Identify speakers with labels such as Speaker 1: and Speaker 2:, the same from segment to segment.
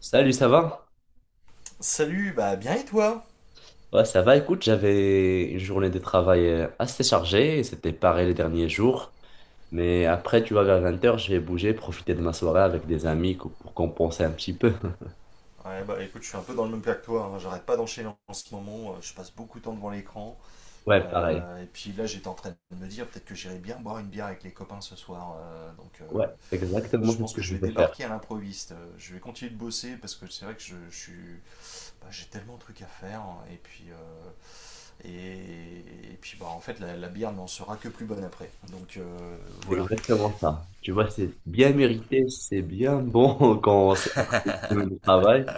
Speaker 1: Salut, ça va?
Speaker 2: Salut, bien et toi?
Speaker 1: Ouais, ça va. Écoute, j'avais une journée de travail assez chargée. C'était pareil les derniers jours. Mais après, tu vois, vers 20 heures, je vais bouger, profiter de ma soirée avec des amis pour compenser un petit peu.
Speaker 2: Ouais, écoute, je suis un peu dans le même cas que toi, hein. J'arrête pas d'enchaîner en ce moment, je passe beaucoup de temps devant l'écran.
Speaker 1: Ouais, pareil.
Speaker 2: Et puis là, j'étais en train de me dire peut-être que j'irai bien boire une bière avec les copains ce soir. Donc
Speaker 1: Ouais, exactement,
Speaker 2: je
Speaker 1: c'est ce
Speaker 2: pense
Speaker 1: que
Speaker 2: que je
Speaker 1: je
Speaker 2: vais
Speaker 1: vais faire.
Speaker 2: débarquer à l'improviste. Je vais continuer de bosser parce que c'est vrai que je suis, j'ai tellement de trucs à faire, hein. Et, et puis, en fait, la bière n'en sera que plus bonne après.
Speaker 1: C'est
Speaker 2: Voilà.
Speaker 1: exactement ça. Tu vois, c'est bien mérité, c'est bien bon quand on sort une semaine de travail.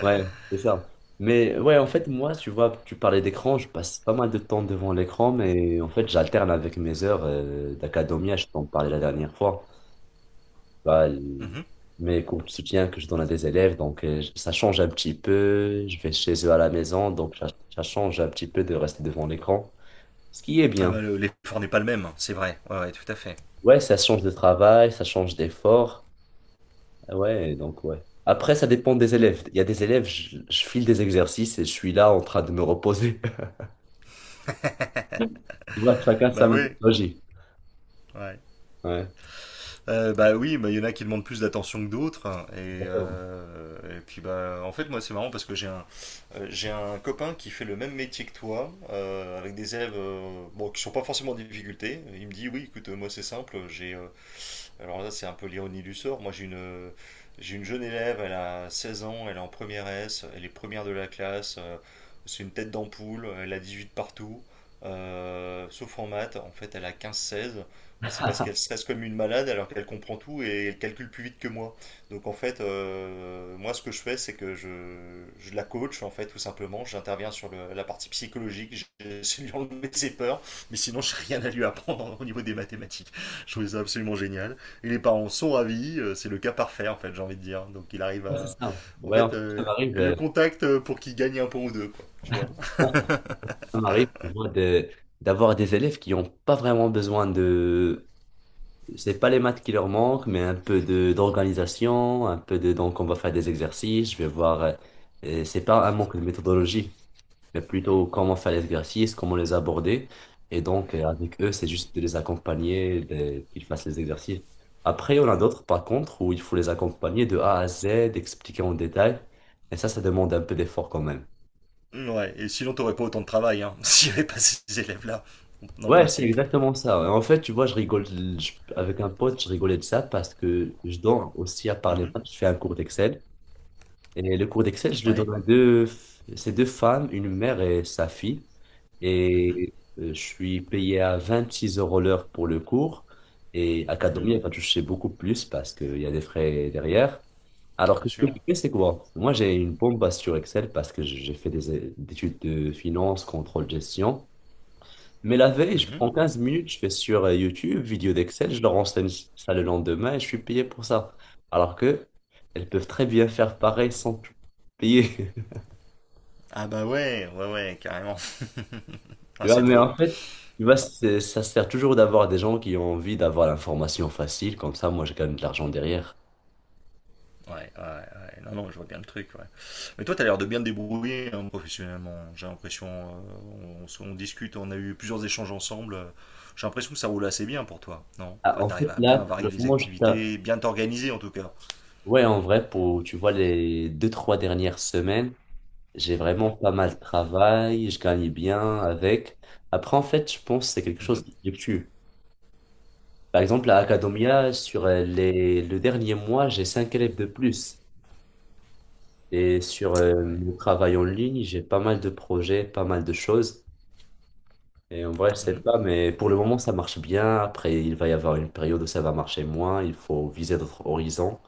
Speaker 1: Ouais, c'est ça. Mais ouais, en fait, moi, tu vois, tu parlais d'écran, je passe pas mal de temps devant l'écran, mais en fait, j'alterne avec mes heures d'académia, je t'en parlais la dernière fois. Bah,
Speaker 2: Mhm.
Speaker 1: mes cours de soutien que je donne à des élèves, donc ça change un petit peu, je vais chez eux à la maison, donc ça change un petit peu de rester devant l'écran, ce qui est
Speaker 2: Ah
Speaker 1: bien.
Speaker 2: l'effort n'est pas le même, c'est vrai. Ouais, ouais, tout à fait.
Speaker 1: Ouais, ça change de travail, ça change d'effort. Ah ouais, donc ouais. Après, ça dépend des élèves. Il y a des élèves, je file des exercices et je suis là en train de me reposer. Tu vois, que chacun sa
Speaker 2: Oui.
Speaker 1: méthodologie.
Speaker 2: Ouais.
Speaker 1: Ouais,
Speaker 2: Bah oui, il y en a qui demandent plus d'attention que d'autres, hein. Et,
Speaker 1: exactement.
Speaker 2: euh, et puis en fait moi c'est marrant parce que j'ai un copain qui fait le même métier que toi, avec des élèves bon, qui sont pas forcément en difficulté. Il me dit oui écoute moi c'est simple, j'ai alors là c'est un peu l'ironie du sort, moi j'ai une jeune élève, elle a 16 ans, elle est en première S, elle est première de la classe, c'est une tête d'ampoule, elle a 18 partout, sauf en maths, en fait elle a 15-16. Mais c'est parce qu'elle stresse comme une malade alors qu'elle comprend tout et elle calcule plus vite que moi. Donc en fait, moi ce que je fais, c'est que je la coach en fait tout simplement. J'interviens sur la partie psychologique, j'essaie de lui enlever ses peurs, mais sinon je n'ai rien à lui apprendre au niveau des mathématiques. Je trouve ça absolument génial. Et les parents sont ravis, c'est le cas parfait en fait, j'ai envie de dire. Donc il arrive
Speaker 1: Ouais, c'est
Speaker 2: à…
Speaker 1: ça.
Speaker 2: En
Speaker 1: Ouais, en
Speaker 2: fait,
Speaker 1: fait, ça
Speaker 2: euh,
Speaker 1: m'arrive,
Speaker 2: le contact euh, pour qu'il gagne un point ou deux, quoi, tu vois.
Speaker 1: moi, ça m'arrive moi, d'avoir des élèves qui n'ont pas vraiment besoin de. C'est pas les maths qui leur manquent, mais un peu de d'organisation, un peu de. Donc, on va faire des exercices, je vais voir. C'est pas un manque de méthodologie, mais plutôt comment faire l'exercice, comment les aborder. Et donc, avec eux, c'est juste de les accompagner, qu'ils fassent les exercices. Après, on a d'autres, par contre, où il faut les accompagner de A à Z, expliquer en détail. Et ça demande un peu d'effort quand même.
Speaker 2: Ouais, et sinon t'aurais pas autant de travail hein, s'il n'y avait pas ces élèves-là, dans le
Speaker 1: Ouais, c'est
Speaker 2: principe.
Speaker 1: exactement ça. En fait, tu vois, je rigole, avec un pote, je rigolais de ça parce que je donne aussi, à part les
Speaker 2: Mhm.
Speaker 1: maths, je fais un cours d'Excel. Et le cours d'Excel, je le
Speaker 2: Ouais.
Speaker 1: donne à deux, c'est deux femmes, une mère et sa fille.
Speaker 2: Mhm,
Speaker 1: Et je suis payé à 26 € l'heure pour le cours. Et
Speaker 2: mhm.
Speaker 1: Academy, elle va toucher beaucoup plus parce qu'il y a des frais derrière. Alors
Speaker 2: Bien
Speaker 1: que ce que
Speaker 2: sûr.
Speaker 1: je fais, c'est quoi? Moi, j'ai une bombe base sur Excel parce que j'ai fait des études de finance, contrôle, gestion. Mais la veille, je
Speaker 2: Mhm.
Speaker 1: prends 15 minutes, je vais sur YouTube, vidéo d'Excel, je leur enseigne ça le lendemain et je suis payé pour ça. Alors que elles peuvent très bien faire pareil sans tout payer.
Speaker 2: Ah ouais, ouais, ouais, carrément.
Speaker 1: Tu
Speaker 2: Ah,
Speaker 1: vois,
Speaker 2: c'est
Speaker 1: mais
Speaker 2: drôle.
Speaker 1: en fait, tu
Speaker 2: Ouais,
Speaker 1: vois, ça sert toujours d'avoir des gens qui ont envie d'avoir l'information facile, comme ça, moi, je gagne de l'argent derrière.
Speaker 2: ouais, ouais, ouais. Non, non, je vois bien le truc. Ouais. Mais toi, t'as l'air de bien te débrouiller hein, professionnellement. J'ai l'impression, on discute, on a eu plusieurs échanges ensemble. J'ai l'impression que ça roule assez bien pour toi, non?
Speaker 1: Ah,
Speaker 2: Enfin,
Speaker 1: en
Speaker 2: t'arrives
Speaker 1: fait,
Speaker 2: à
Speaker 1: là,
Speaker 2: bien
Speaker 1: pour
Speaker 2: varier
Speaker 1: le
Speaker 2: les
Speaker 1: moment,
Speaker 2: activités, bien t'organiser en tout cas.
Speaker 1: ouais, en vrai, pour, tu vois, les deux, trois dernières semaines, j'ai vraiment pas mal de travail, je gagne bien avec. Après, en fait, je pense que c'est quelque chose
Speaker 2: Mhm.
Speaker 1: qui fluctue. Par exemple, à Academia, sur le dernier mois, j'ai 5 élèves de plus. Et sur
Speaker 2: Ouais.
Speaker 1: mon travail en ligne, j'ai pas mal de projets, pas mal de choses. Et en vrai, je sais
Speaker 2: Mhm.
Speaker 1: pas, mais pour le moment, ça marche bien. Après, il va y avoir une période où ça va marcher moins. Il faut viser d'autres horizons.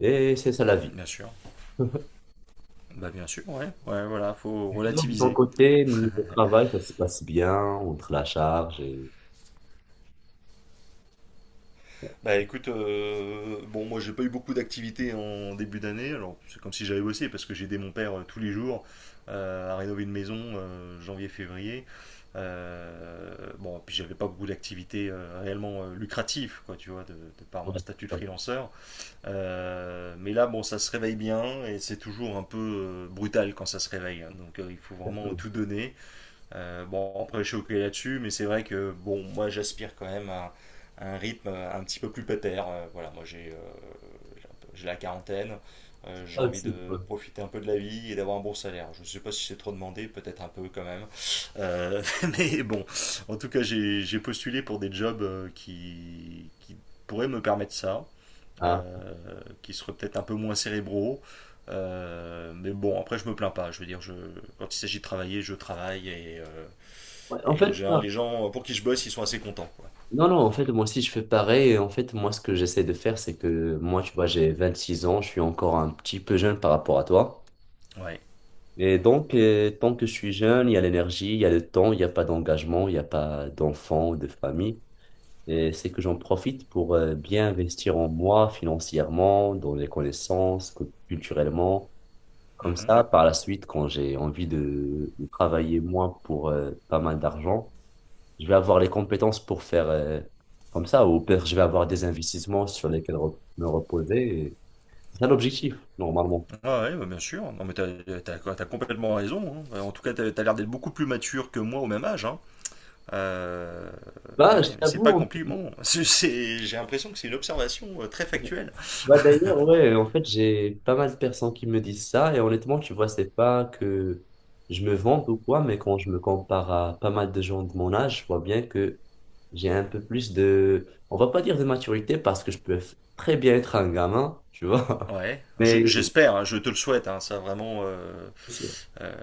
Speaker 1: Et c'est ça la vie.
Speaker 2: Bien sûr. Bien sûr, ouais. Ouais, voilà, faut
Speaker 1: Sinon, de ton
Speaker 2: relativiser.
Speaker 1: côté, niveau travail, ça se passe bien entre la charge et...
Speaker 2: Écoute, bon moi j'ai pas eu beaucoup d'activités en début d'année, alors c'est comme si j'avais bossé parce que j'ai aidé mon père tous les jours à rénover une maison janvier-février. Bon, puis j'avais pas beaucoup d'activités réellement lucratives, quoi, tu vois, de par mon
Speaker 1: Ouais,
Speaker 2: statut de
Speaker 1: ça
Speaker 2: freelanceur. Mais là, bon, ça se réveille bien et c'est toujours un peu brutal quand ça se réveille, hein. Donc il faut vraiment tout donner , bon, après, je suis OK là-dessus, mais c'est vrai que, bon, moi, j'aspire quand même à un rythme un petit peu plus pépère. Voilà, moi, j'ai la quarantaine, j'ai envie
Speaker 1: aussi,
Speaker 2: de
Speaker 1: ouais.
Speaker 2: profiter un peu de la vie et d'avoir un bon salaire. Je ne sais pas si c'est trop demandé, peut-être un peu quand même. Euh, mais en tout cas, j'ai postulé pour des jobs qui pourraient me permettre ça,
Speaker 1: Ah.
Speaker 2: euh, qui seraient peut-être un peu moins cérébraux. Mais bon, après, je me plains pas. Je veux dire, quand il s'agit de travailler, je travaille et euh,
Speaker 1: Ouais, en
Speaker 2: et en
Speaker 1: fait, ça,
Speaker 2: général, les gens pour qui je bosse, ils sont assez contents, quoi.
Speaker 1: non, non, en fait, moi aussi, je fais pareil. Et en fait, moi, ce que j'essaie de faire, c'est que moi, tu vois, j'ai 26 ans, je suis encore un petit peu jeune par rapport à toi.
Speaker 2: Ouais.
Speaker 1: Et donc, tant que je suis jeune, il y a l'énergie, il y a le temps, il n'y a pas d'engagement, il n'y a pas d'enfants ou de famille. Et c'est que j'en profite pour bien investir en moi financièrement, dans les connaissances, culturellement. Comme
Speaker 2: Mhm.
Speaker 1: ça, par la suite, quand j'ai envie de travailler moins pour pas mal d'argent, je vais avoir les compétences pour faire comme ça, ou peut-être je vais avoir des investissements sur lesquels me reposer. Et c'est ça l'objectif, normalement.
Speaker 2: Ah ouais, bien sûr. Non, mais t'as complètement raison, hein. En tout cas, t'as l'air d'être beaucoup plus mature que moi au même âge, hein. Euh, eh
Speaker 1: Bah,
Speaker 2: oui,
Speaker 1: je
Speaker 2: mais c'est pas un
Speaker 1: t'avoue,
Speaker 2: compliment. J'ai l'impression que c'est une observation très factuelle.
Speaker 1: bah d'ailleurs, ouais, en fait, j'ai pas mal de personnes qui me disent ça, et honnêtement, tu vois, c'est pas que je me vante ou quoi, mais quand je me compare à pas mal de gens de mon âge, je vois bien que j'ai un peu plus de, on va pas dire de maturité, parce que je peux très bien être un gamin, tu vois,
Speaker 2: Ouais,
Speaker 1: mais
Speaker 2: j'espère, hein, je te le souhaite, hein, ça vraiment.
Speaker 1: c'est-
Speaker 2: Euh,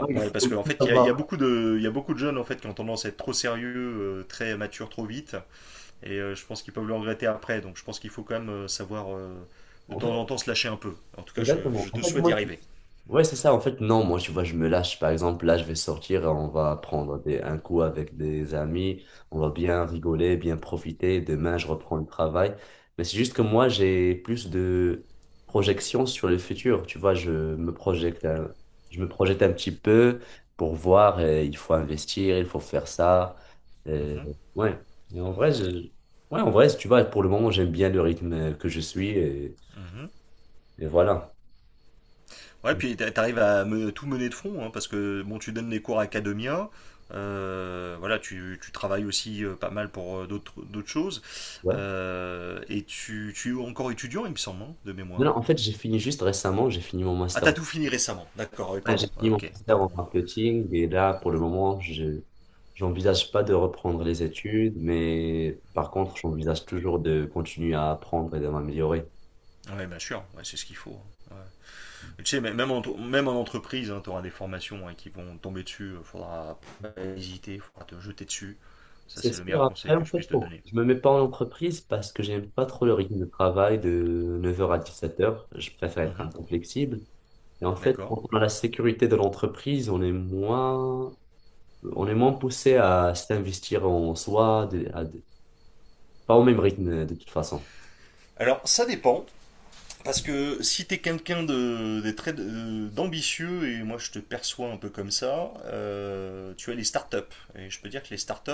Speaker 1: ouais,
Speaker 2: ouais, parce
Speaker 1: il
Speaker 2: qu'en
Speaker 1: faut
Speaker 2: fait,
Speaker 1: savoir.
Speaker 2: il y a beaucoup de jeunes en fait qui ont tendance à être trop sérieux, très matures trop vite. Et je pense qu'ils peuvent le regretter après. Donc je pense qu'il faut quand même savoir de
Speaker 1: En
Speaker 2: temps en
Speaker 1: fait,
Speaker 2: temps se lâcher un peu. En tout cas,
Speaker 1: exactement.
Speaker 2: je te
Speaker 1: En fait,
Speaker 2: souhaite d'y
Speaker 1: moi,
Speaker 2: arriver.
Speaker 1: ouais, c'est ça. En fait, non, moi, tu vois, je me lâche. Par exemple, là, je vais sortir on va prendre des, un coup avec des amis. On va bien rigoler, bien profiter. Demain, je reprends le travail. Mais c'est juste que moi, j'ai plus de projections sur le futur. Tu vois, je me projette un petit peu pour voir. Il faut investir, il faut faire ça. Euh,
Speaker 2: Mhm,
Speaker 1: ouais. mais en vrai, je- ouais, en vrai, tu vois, pour le moment, j'aime bien le rythme que je suis.
Speaker 2: mhm.
Speaker 1: Et voilà.
Speaker 2: Ouais, puis tout mener de front, hein, parce que bon, tu donnes des cours à Academia, tu travailles aussi pas mal pour d'autres choses,
Speaker 1: Ouais.
Speaker 2: tu es encore étudiant, il me semble, hein, de
Speaker 1: Non,
Speaker 2: mémoire.
Speaker 1: non, en fait, j'ai fini juste récemment, j'ai fini mon
Speaker 2: Ah,
Speaker 1: master.
Speaker 2: t'as tout fini récemment, d'accord, oui,
Speaker 1: Ouais, j'ai
Speaker 2: pardon.
Speaker 1: fini
Speaker 2: Ah,
Speaker 1: mon
Speaker 2: ok, autant
Speaker 1: master
Speaker 2: pour
Speaker 1: en
Speaker 2: moi.
Speaker 1: marketing et là, pour le moment, je j'envisage pas de reprendre les études, mais par contre, j'envisage toujours de continuer à apprendre et de m'améliorer.
Speaker 2: Ouais, bien sûr, ouais, c'est ce qu'il faut. Tu sais, même en entreprise, tu auras des formations hein, qui vont tomber dessus. Il faudra pas hésiter, il faudra te jeter dessus. Ça,
Speaker 1: C'est
Speaker 2: c'est le
Speaker 1: sûr,
Speaker 2: meilleur conseil
Speaker 1: après,
Speaker 2: que
Speaker 1: en
Speaker 2: je
Speaker 1: fait,
Speaker 2: puisse te
Speaker 1: bon,
Speaker 2: donner.
Speaker 1: je me mets pas en entreprise parce que j'aime pas trop le rythme de travail de 9 heures à 17 heures. Je préfère être un
Speaker 2: Mhm.
Speaker 1: peu flexible. Et en fait,
Speaker 2: D'accord.
Speaker 1: quand on a la sécurité de l'entreprise, on est moins poussé à s'investir en soi, pas au même rythme, de toute façon.
Speaker 2: Alors, ça dépend, parce que si t'es quelqu'un d'ambitieux, et moi je te perçois un peu comme ça, tu as les startups. Et je peux dire que les startups,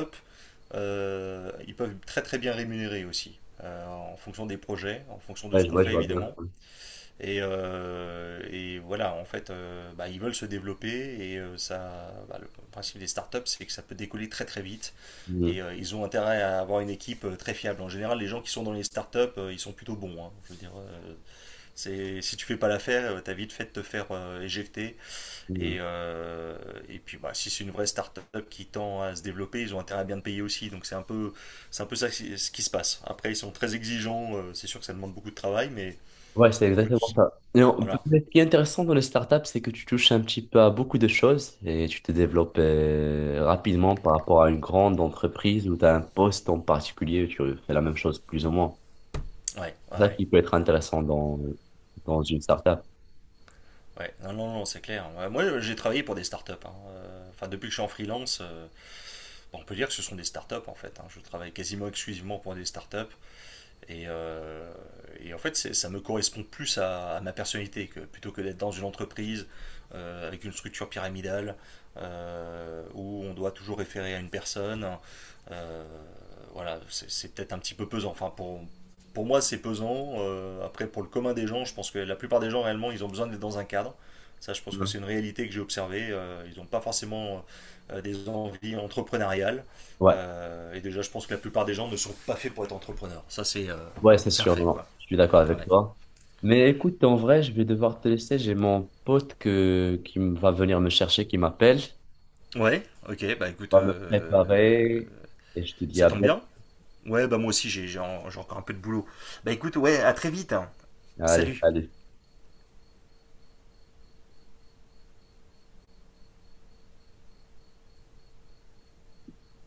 Speaker 2: ils peuvent être très très bien rémunérés aussi, en fonction des projets, en fonction de
Speaker 1: Ouais,
Speaker 2: ce qu'on
Speaker 1: je
Speaker 2: fait
Speaker 1: vois bien.
Speaker 2: évidemment. Et en fait, ils veulent se développer . Le principe des startups, c'est que ça peut décoller très très vite
Speaker 1: Mhm,
Speaker 2: et ils ont intérêt à avoir une équipe très fiable. En général, les gens qui sont dans les startups, ils sont plutôt bons, hein. Je veux dire, si tu fais pas l'affaire, t'as vite fait de te faire éjecter.
Speaker 1: mhm.
Speaker 2: Et, euh, et puis, si c'est une vraie startup qui tend à se développer, ils ont intérêt à bien te payer aussi. Donc c'est un peu ça ce qui se passe. Après, ils sont très exigeants. C'est sûr que ça demande beaucoup de travail, mais
Speaker 1: Ouais, c'est
Speaker 2: écoute,
Speaker 1: exactement ça. Et
Speaker 2: voilà.
Speaker 1: mais ce qui est intéressant dans les startups, c'est que tu touches un petit peu à beaucoup de choses et tu te développes rapidement par rapport à une grande entreprise où tu as un poste en particulier, tu fais la même chose plus ou moins.
Speaker 2: Ouais, ouais,
Speaker 1: C'est ça
Speaker 2: ouais.
Speaker 1: qui peut être intéressant dans, dans une startup.
Speaker 2: Ouais. Non, non, non, c'est clair. Ouais, moi, j'ai travaillé pour des startups, hein. Enfin, depuis que je suis en freelance, bon, on peut dire que ce sont des startups en fait, hein. Je travaille quasiment exclusivement pour des startups. Et, euh, et en fait, ça me correspond plus à ma personnalité que plutôt que d'être dans une entreprise avec une structure pyramidale où on doit toujours référer à une personne. Euh, voilà, c'est peut-être un petit peu pesant. Pour moi, c'est pesant. Après, pour le commun des gens, je pense que la plupart des gens, réellement, ils ont besoin d'être dans un cadre. Ça, je pense que
Speaker 1: Ouais,
Speaker 2: c'est une réalité que j'ai observée. Ils n'ont pas forcément des envies entrepreneuriales.
Speaker 1: ouais,
Speaker 2: Et déjà, je pense que la plupart des gens ne sont pas faits pour être entrepreneurs. Ça, c'est euh,
Speaker 1: ouais, c'est
Speaker 2: c'est un
Speaker 1: sûr, non,
Speaker 2: fait,
Speaker 1: non,
Speaker 2: quoi.
Speaker 1: je suis d'accord avec
Speaker 2: Ouais,
Speaker 1: toi. Mais écoute, en vrai, je vais devoir te laisser. J'ai mon pote qui va venir me chercher, qui m'appelle.
Speaker 2: ouais ok,
Speaker 1: On
Speaker 2: écoute,
Speaker 1: va me préparer et je te dis
Speaker 2: ça
Speaker 1: à
Speaker 2: tombe
Speaker 1: bientôt.
Speaker 2: bien. Ouais, moi aussi, j'ai encore un peu de boulot. Écoute, ouais, à très vite, hein.
Speaker 1: Allez,
Speaker 2: Salut.
Speaker 1: allez.